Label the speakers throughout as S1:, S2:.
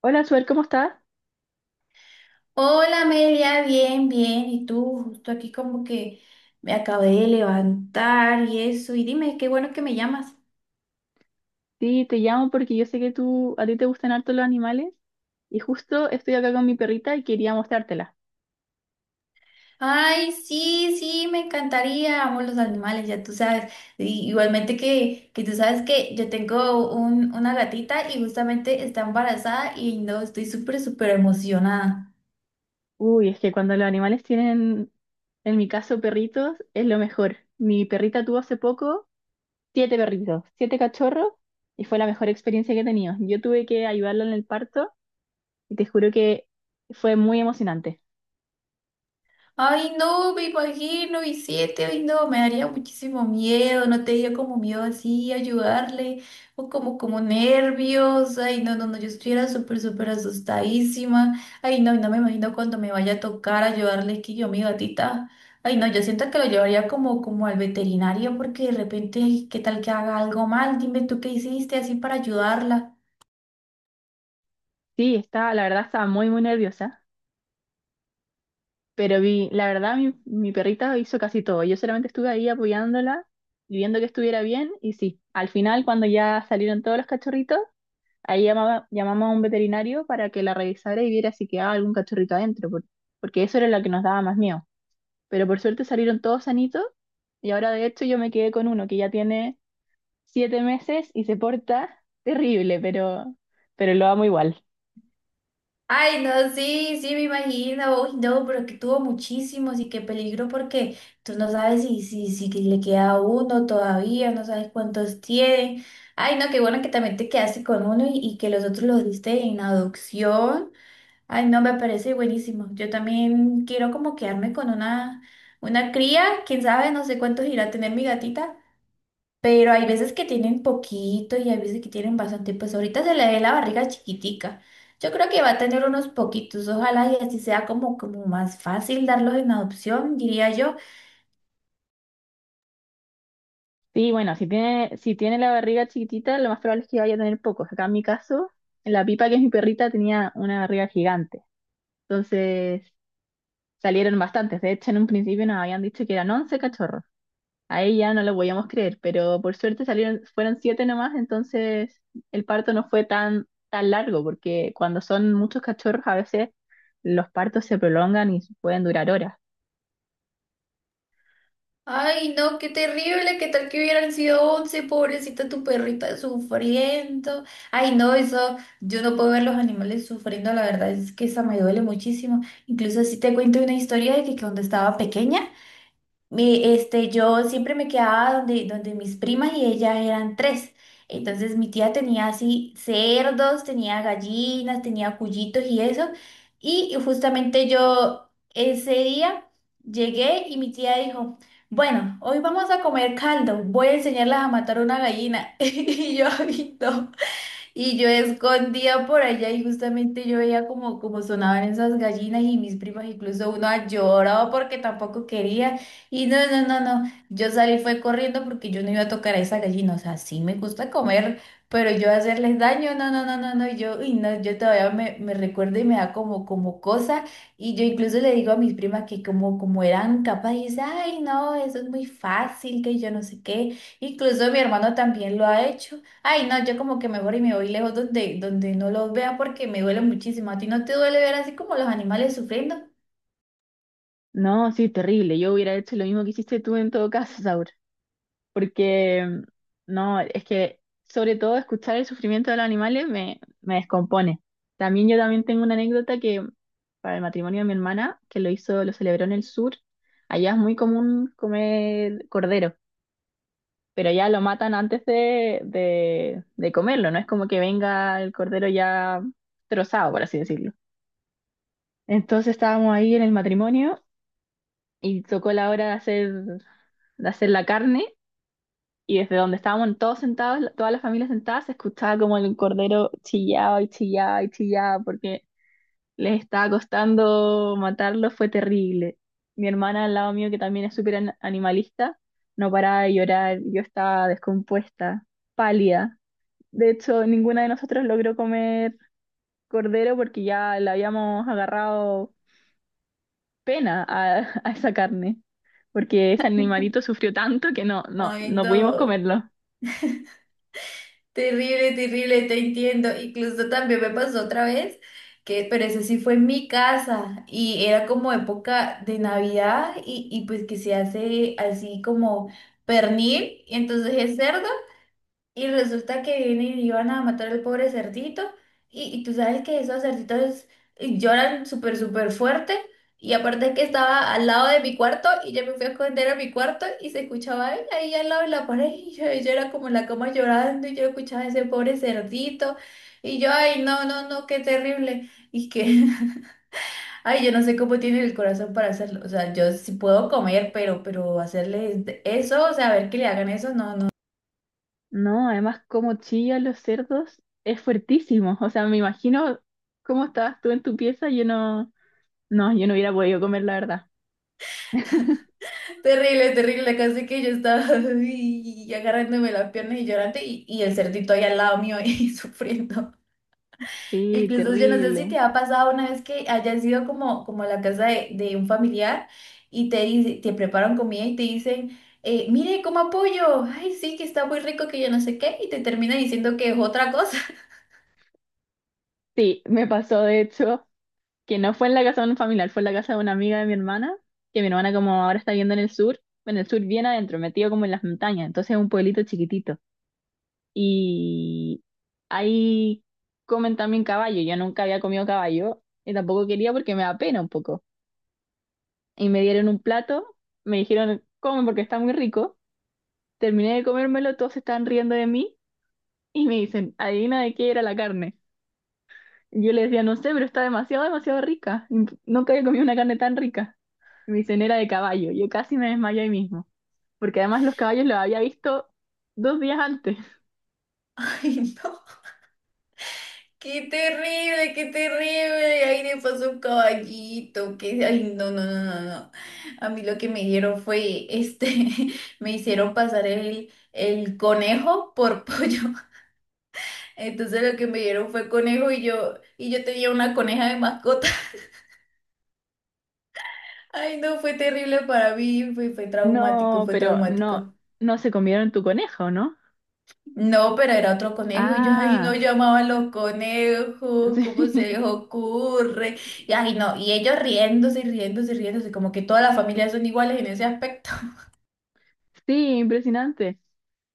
S1: Hola, Suer, ¿cómo estás?
S2: Hola Amelia, bien, bien. ¿Y tú? Justo aquí como que me acabé de levantar y eso. Y dime, qué bueno que me llamas.
S1: Sí, te llamo porque yo sé que tú, a ti te gustan harto los animales y justo estoy acá con mi perrita y quería mostrártela.
S2: Ay, sí, sí, me encantaría. Amo los animales, ya tú sabes. Y igualmente que tú sabes que yo tengo una gatita y justamente está embarazada y no, estoy súper, súper emocionada.
S1: Uy, es que cuando los animales tienen, en mi caso, perritos, es lo mejor. Mi perrita tuvo hace poco siete perritos, siete cachorros y fue la mejor experiencia que he tenido. Yo tuve que ayudarla en el parto y te juro que fue muy emocionante.
S2: Ay, no, me imagino, Vicente, ay, no, me daría muchísimo miedo, no te dio como miedo así ayudarle, o como, como nervios, ay, no, no, no, yo estuviera súper, súper asustadísima, ay, no, no me imagino cuando me vaya a tocar ayudarle, que yo, mi gatita, ay, no, yo siento que lo llevaría como, como al veterinario, porque de repente, ay, qué tal que haga algo mal, dime tú qué hiciste así para ayudarla.
S1: Sí, la verdad estaba muy, muy nerviosa. Pero la verdad, mi perrita hizo casi todo. Yo solamente estuve ahí apoyándola, y viendo que estuviera bien, y sí, al final, cuando ya salieron todos los cachorritos, ahí llamamos a un veterinario para que la revisara y viera si quedaba algún cachorrito adentro, porque eso era lo que nos daba más miedo. Pero por suerte salieron todos sanitos, y ahora de hecho yo me quedé con uno que ya tiene 7 meses y se porta terrible, pero lo amo igual.
S2: Ay, no, sí, sí, me imagino. Uy, no, pero que tuvo muchísimos y qué peligro porque tú no sabes si que le queda uno todavía, no sabes cuántos tiene. Ay, no, qué bueno que también te quedaste con uno y que los otros los diste en adopción. Ay, no, me parece buenísimo. Yo también quiero como quedarme con una cría, quién sabe, no sé cuántos irá a tener mi gatita, pero hay veces que tienen poquito y hay veces que tienen bastante. Pues ahorita se le ve la barriga chiquitica. Yo creo que va a tener unos poquitos, ojalá y así sea como, como más fácil darlos en adopción, diría yo.
S1: Sí, bueno, si tiene la barriga chiquitita, lo más probable es que vaya a tener pocos. Acá en mi caso, la Pipa, que es mi perrita, tenía una barriga gigante. Entonces salieron bastantes. De hecho, en un principio nos habían dicho que eran 11 cachorros. Ahí ya no lo podíamos creer, pero por suerte salieron, fueron 7 nomás, entonces el parto no fue tan, tan largo, porque cuando son muchos cachorros a veces los partos se prolongan y pueden durar horas.
S2: Ay, no, qué terrible, qué tal que hubieran sido 11 pobrecita tu perrita sufriendo. Ay, no, eso, yo no puedo ver los animales sufriendo, la verdad es que esa me duele muchísimo. Incluso si te cuento una historia de que cuando estaba pequeña, yo siempre me quedaba donde mis primas y ellas eran tres. Entonces mi tía tenía así cerdos, tenía gallinas, tenía cuyitos y eso. Y justamente yo ese día llegué y mi tía dijo, bueno, hoy vamos a comer caldo, voy a enseñarlas a matar una gallina. Y yo, "Ay, no". Y yo escondía por allá y justamente yo veía como, como sonaban esas gallinas y mis primas, incluso una lloraba porque tampoco quería. Y no, no, no, no, yo salí fue corriendo porque yo no iba a tocar a esa gallina. O sea, sí me gusta comer, pero yo hacerles daño, no, no, no, no, no. Y yo, y no, yo todavía me recuerdo y me da como, como cosa. Y yo incluso le digo a mis primas que como, como eran capaces, ay, no, eso es muy fácil, que yo no sé qué. Incluso mi hermano también lo ha hecho. Ay, no, yo como que mejor y me voy lejos donde no los vea porque me duele muchísimo. ¿A ti no te duele ver así como los animales sufriendo?
S1: No, sí, terrible. Yo hubiera hecho lo mismo que hiciste tú en todo caso, Saur. Porque no, es que sobre todo escuchar el sufrimiento de los animales me, me descompone. También yo también tengo una anécdota que para el matrimonio de mi hermana, que lo hizo, lo celebró en el sur, allá es muy común comer cordero, pero ya lo matan antes de comerlo, no es como que venga el cordero ya trozado, por así decirlo. Entonces estábamos ahí en el matrimonio y tocó la hora de hacer la carne. Y desde donde estábamos todos sentados, toda la familia sentada, se escuchaba como el cordero chillaba y chillaba y chillaba porque les estaba costando matarlo, fue terrible. Mi hermana al lado mío, que también es súper animalista, no paraba de llorar, yo estaba descompuesta, pálida. De hecho, ninguna de nosotros logró comer cordero porque ya le habíamos agarrado pena a, a esa carne, porque ese animalito sufrió tanto que no, no,
S2: Ay,
S1: no pudimos
S2: no,
S1: comerlo.
S2: terrible, terrible, te entiendo. Incluso también me pasó otra vez, que, pero eso sí fue en mi casa y era como época de Navidad y pues que se hace así como pernil, y entonces es cerdo. Y resulta que vienen y iban a matar al pobre cerdito. Y tú sabes que esos cerditos lloran súper, súper fuerte. Y aparte que estaba al lado de mi cuarto y yo me fui a esconder a mi cuarto y se escuchaba él ahí al lado de la pared. Yo era como en la cama llorando y yo escuchaba a ese pobre cerdito. Y yo, ay, no, no, no, qué terrible. Y que, ay, yo no sé cómo tienen el corazón para hacerlo. O sea, yo sí puedo comer, pero hacerles eso, o sea, a ver que le hagan eso, no, no.
S1: No, además como chillan los cerdos es fuertísimo. O sea, me imagino cómo estabas tú en tu pieza, yo no hubiera podido comer, la verdad.
S2: Terrible, terrible, casi que yo estaba y agarrándome las piernas y llorando y el cerdito ahí al lado mío y sufriendo.
S1: Sí,
S2: Incluso yo no sé si
S1: terrible.
S2: te ha pasado una vez que hayas ido como, como a la casa de un familiar y te preparan comida y te dicen, mire, coma pollo, ay sí, que está muy rico, que yo no sé qué, y te termina diciendo que es otra cosa.
S1: Sí, me pasó de hecho que no fue en la casa de un familiar, fue en la casa de una amiga de mi hermana, que mi hermana como ahora está viviendo en el sur bien adentro, metido como en las montañas, entonces es un pueblito chiquitito. Y ahí comen también caballo, yo nunca había comido caballo y tampoco quería porque me da pena un poco. Y me dieron un plato, me dijeron, come porque está muy rico. Terminé de comérmelo, todos se estaban riendo de mí y me dicen, adivina de qué era la carne. Yo les decía, no sé, pero está demasiado, demasiado rica. Nunca había comido una carne tan rica. Y me dicen, era de caballo. Yo casi me desmayé ahí mismo, porque además los caballos los había visto 2 días antes.
S2: Ay, no. Qué terrible, qué terrible. Ahí le pasó un caballito. Que... ay, no, no, no, no, no. A mí lo que me dieron fue, este, me hicieron pasar el conejo por pollo. Entonces lo que me dieron fue conejo y yo tenía una coneja de mascota. Ay, no, fue terrible para mí. Fue, fue traumático,
S1: No,
S2: fue
S1: pero no,
S2: traumático.
S1: no se comieron tu conejo, ¿no?
S2: No, pero era otro conejo y yo, ay, no
S1: Ah,
S2: llamaba a los conejos, ¿cómo se
S1: sí.
S2: les ocurre? Y ay, no, y ellos riéndose y riéndose y riéndose, como que todas las familias son iguales en ese aspecto.
S1: Sí, impresionante.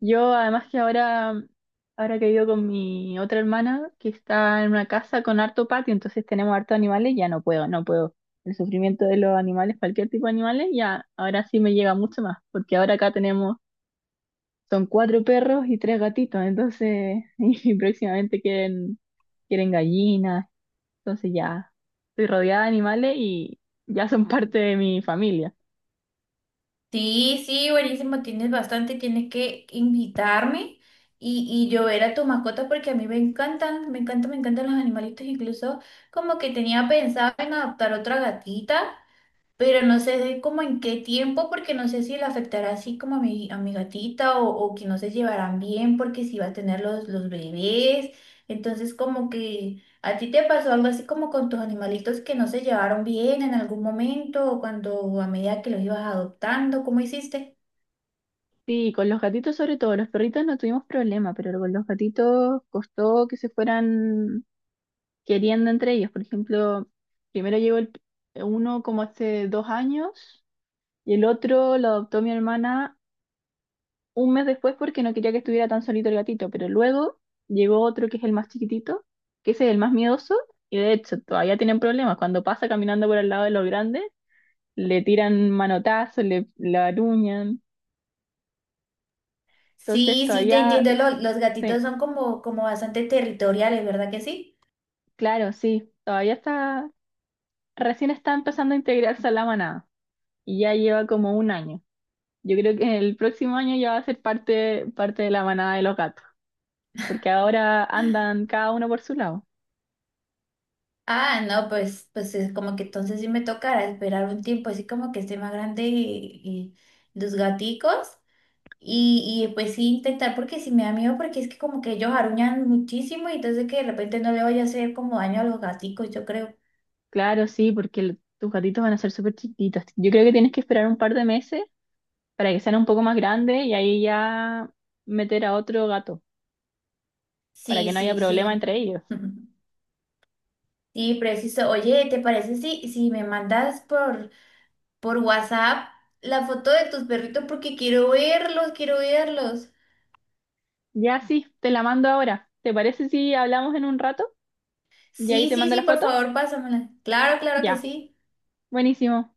S1: Yo además que ahora, ahora que he ido con mi otra hermana que está en una casa con harto patio, entonces tenemos harto animales, ya no puedo, no puedo. El sufrimiento de los animales, cualquier tipo de animales, ya ahora sí me llega mucho más, porque ahora acá tenemos, son cuatro perros y tres gatitos, entonces, y próximamente quieren gallinas, entonces ya estoy rodeada de animales y ya son parte de mi familia.
S2: Sí, sí, buenísimo, tienes bastante, tienes que invitarme y yo ver a tu mascota porque a mí me encantan, me encantan, me encantan los animalitos, incluso como que tenía pensado en adoptar otra gatita. Pero no sé de cómo en qué tiempo, porque no sé si le afectará así como a a mi gatita o que no se llevarán bien porque si va a tener los bebés. Entonces como que a ti te pasó algo así como con tus animalitos que no se llevaron bien en algún momento o cuando o a medida que los ibas adoptando, ¿cómo hiciste?
S1: Sí, con los gatitos sobre todo, los perritos no tuvimos problema, pero con los gatitos costó que se fueran queriendo entre ellos. Por ejemplo, primero llegó el, uno como hace 2 años y el otro lo adoptó mi hermana un mes después porque no quería que estuviera tan solito el gatito, pero luego llegó otro que es el más chiquitito, que ese es el más miedoso y de hecho todavía tienen problemas. Cuando pasa caminando por al lado de los grandes, le tiran manotazos, le aruñan. Entonces
S2: Sí, sí, te
S1: todavía...
S2: entiendo, los gatitos
S1: Sí,
S2: son como, como bastante territoriales, ¿verdad que sí?
S1: claro, sí, recién está empezando a integrarse a la manada y ya lleva como un año. Yo creo que el próximo año ya va a ser parte de la manada de los gatos, porque ahora andan cada uno por su lado.
S2: Ah, no, pues, pues es como que entonces sí me tocará esperar un tiempo, así como que esté más grande y los gaticos. Y pues sí intentar, porque sí me da miedo, porque es que como que ellos aruñan muchísimo y entonces que de repente no le vaya a hacer como daño a los gaticos, yo creo.
S1: Claro, sí, porque tus gatitos van a ser súper chiquitos. Yo creo que tienes que esperar un par de meses para que sean un poco más grandes y ahí ya meter a otro gato, para
S2: Sí,
S1: que no haya
S2: sí,
S1: problema
S2: sí.
S1: entre ellos.
S2: Sí, preciso. Oye, ¿te parece si, si me mandas por WhatsApp la foto de tus perritos? Porque quiero verlos, quiero verlos.
S1: Ya sí, te la mando ahora. ¿Te parece si hablamos en un rato? Y ahí
S2: Sí,
S1: te
S2: sí,
S1: mando
S2: sí,
S1: la
S2: por
S1: foto.
S2: favor, pásamela. Claro, claro que
S1: Ya,
S2: sí.
S1: buenísimo.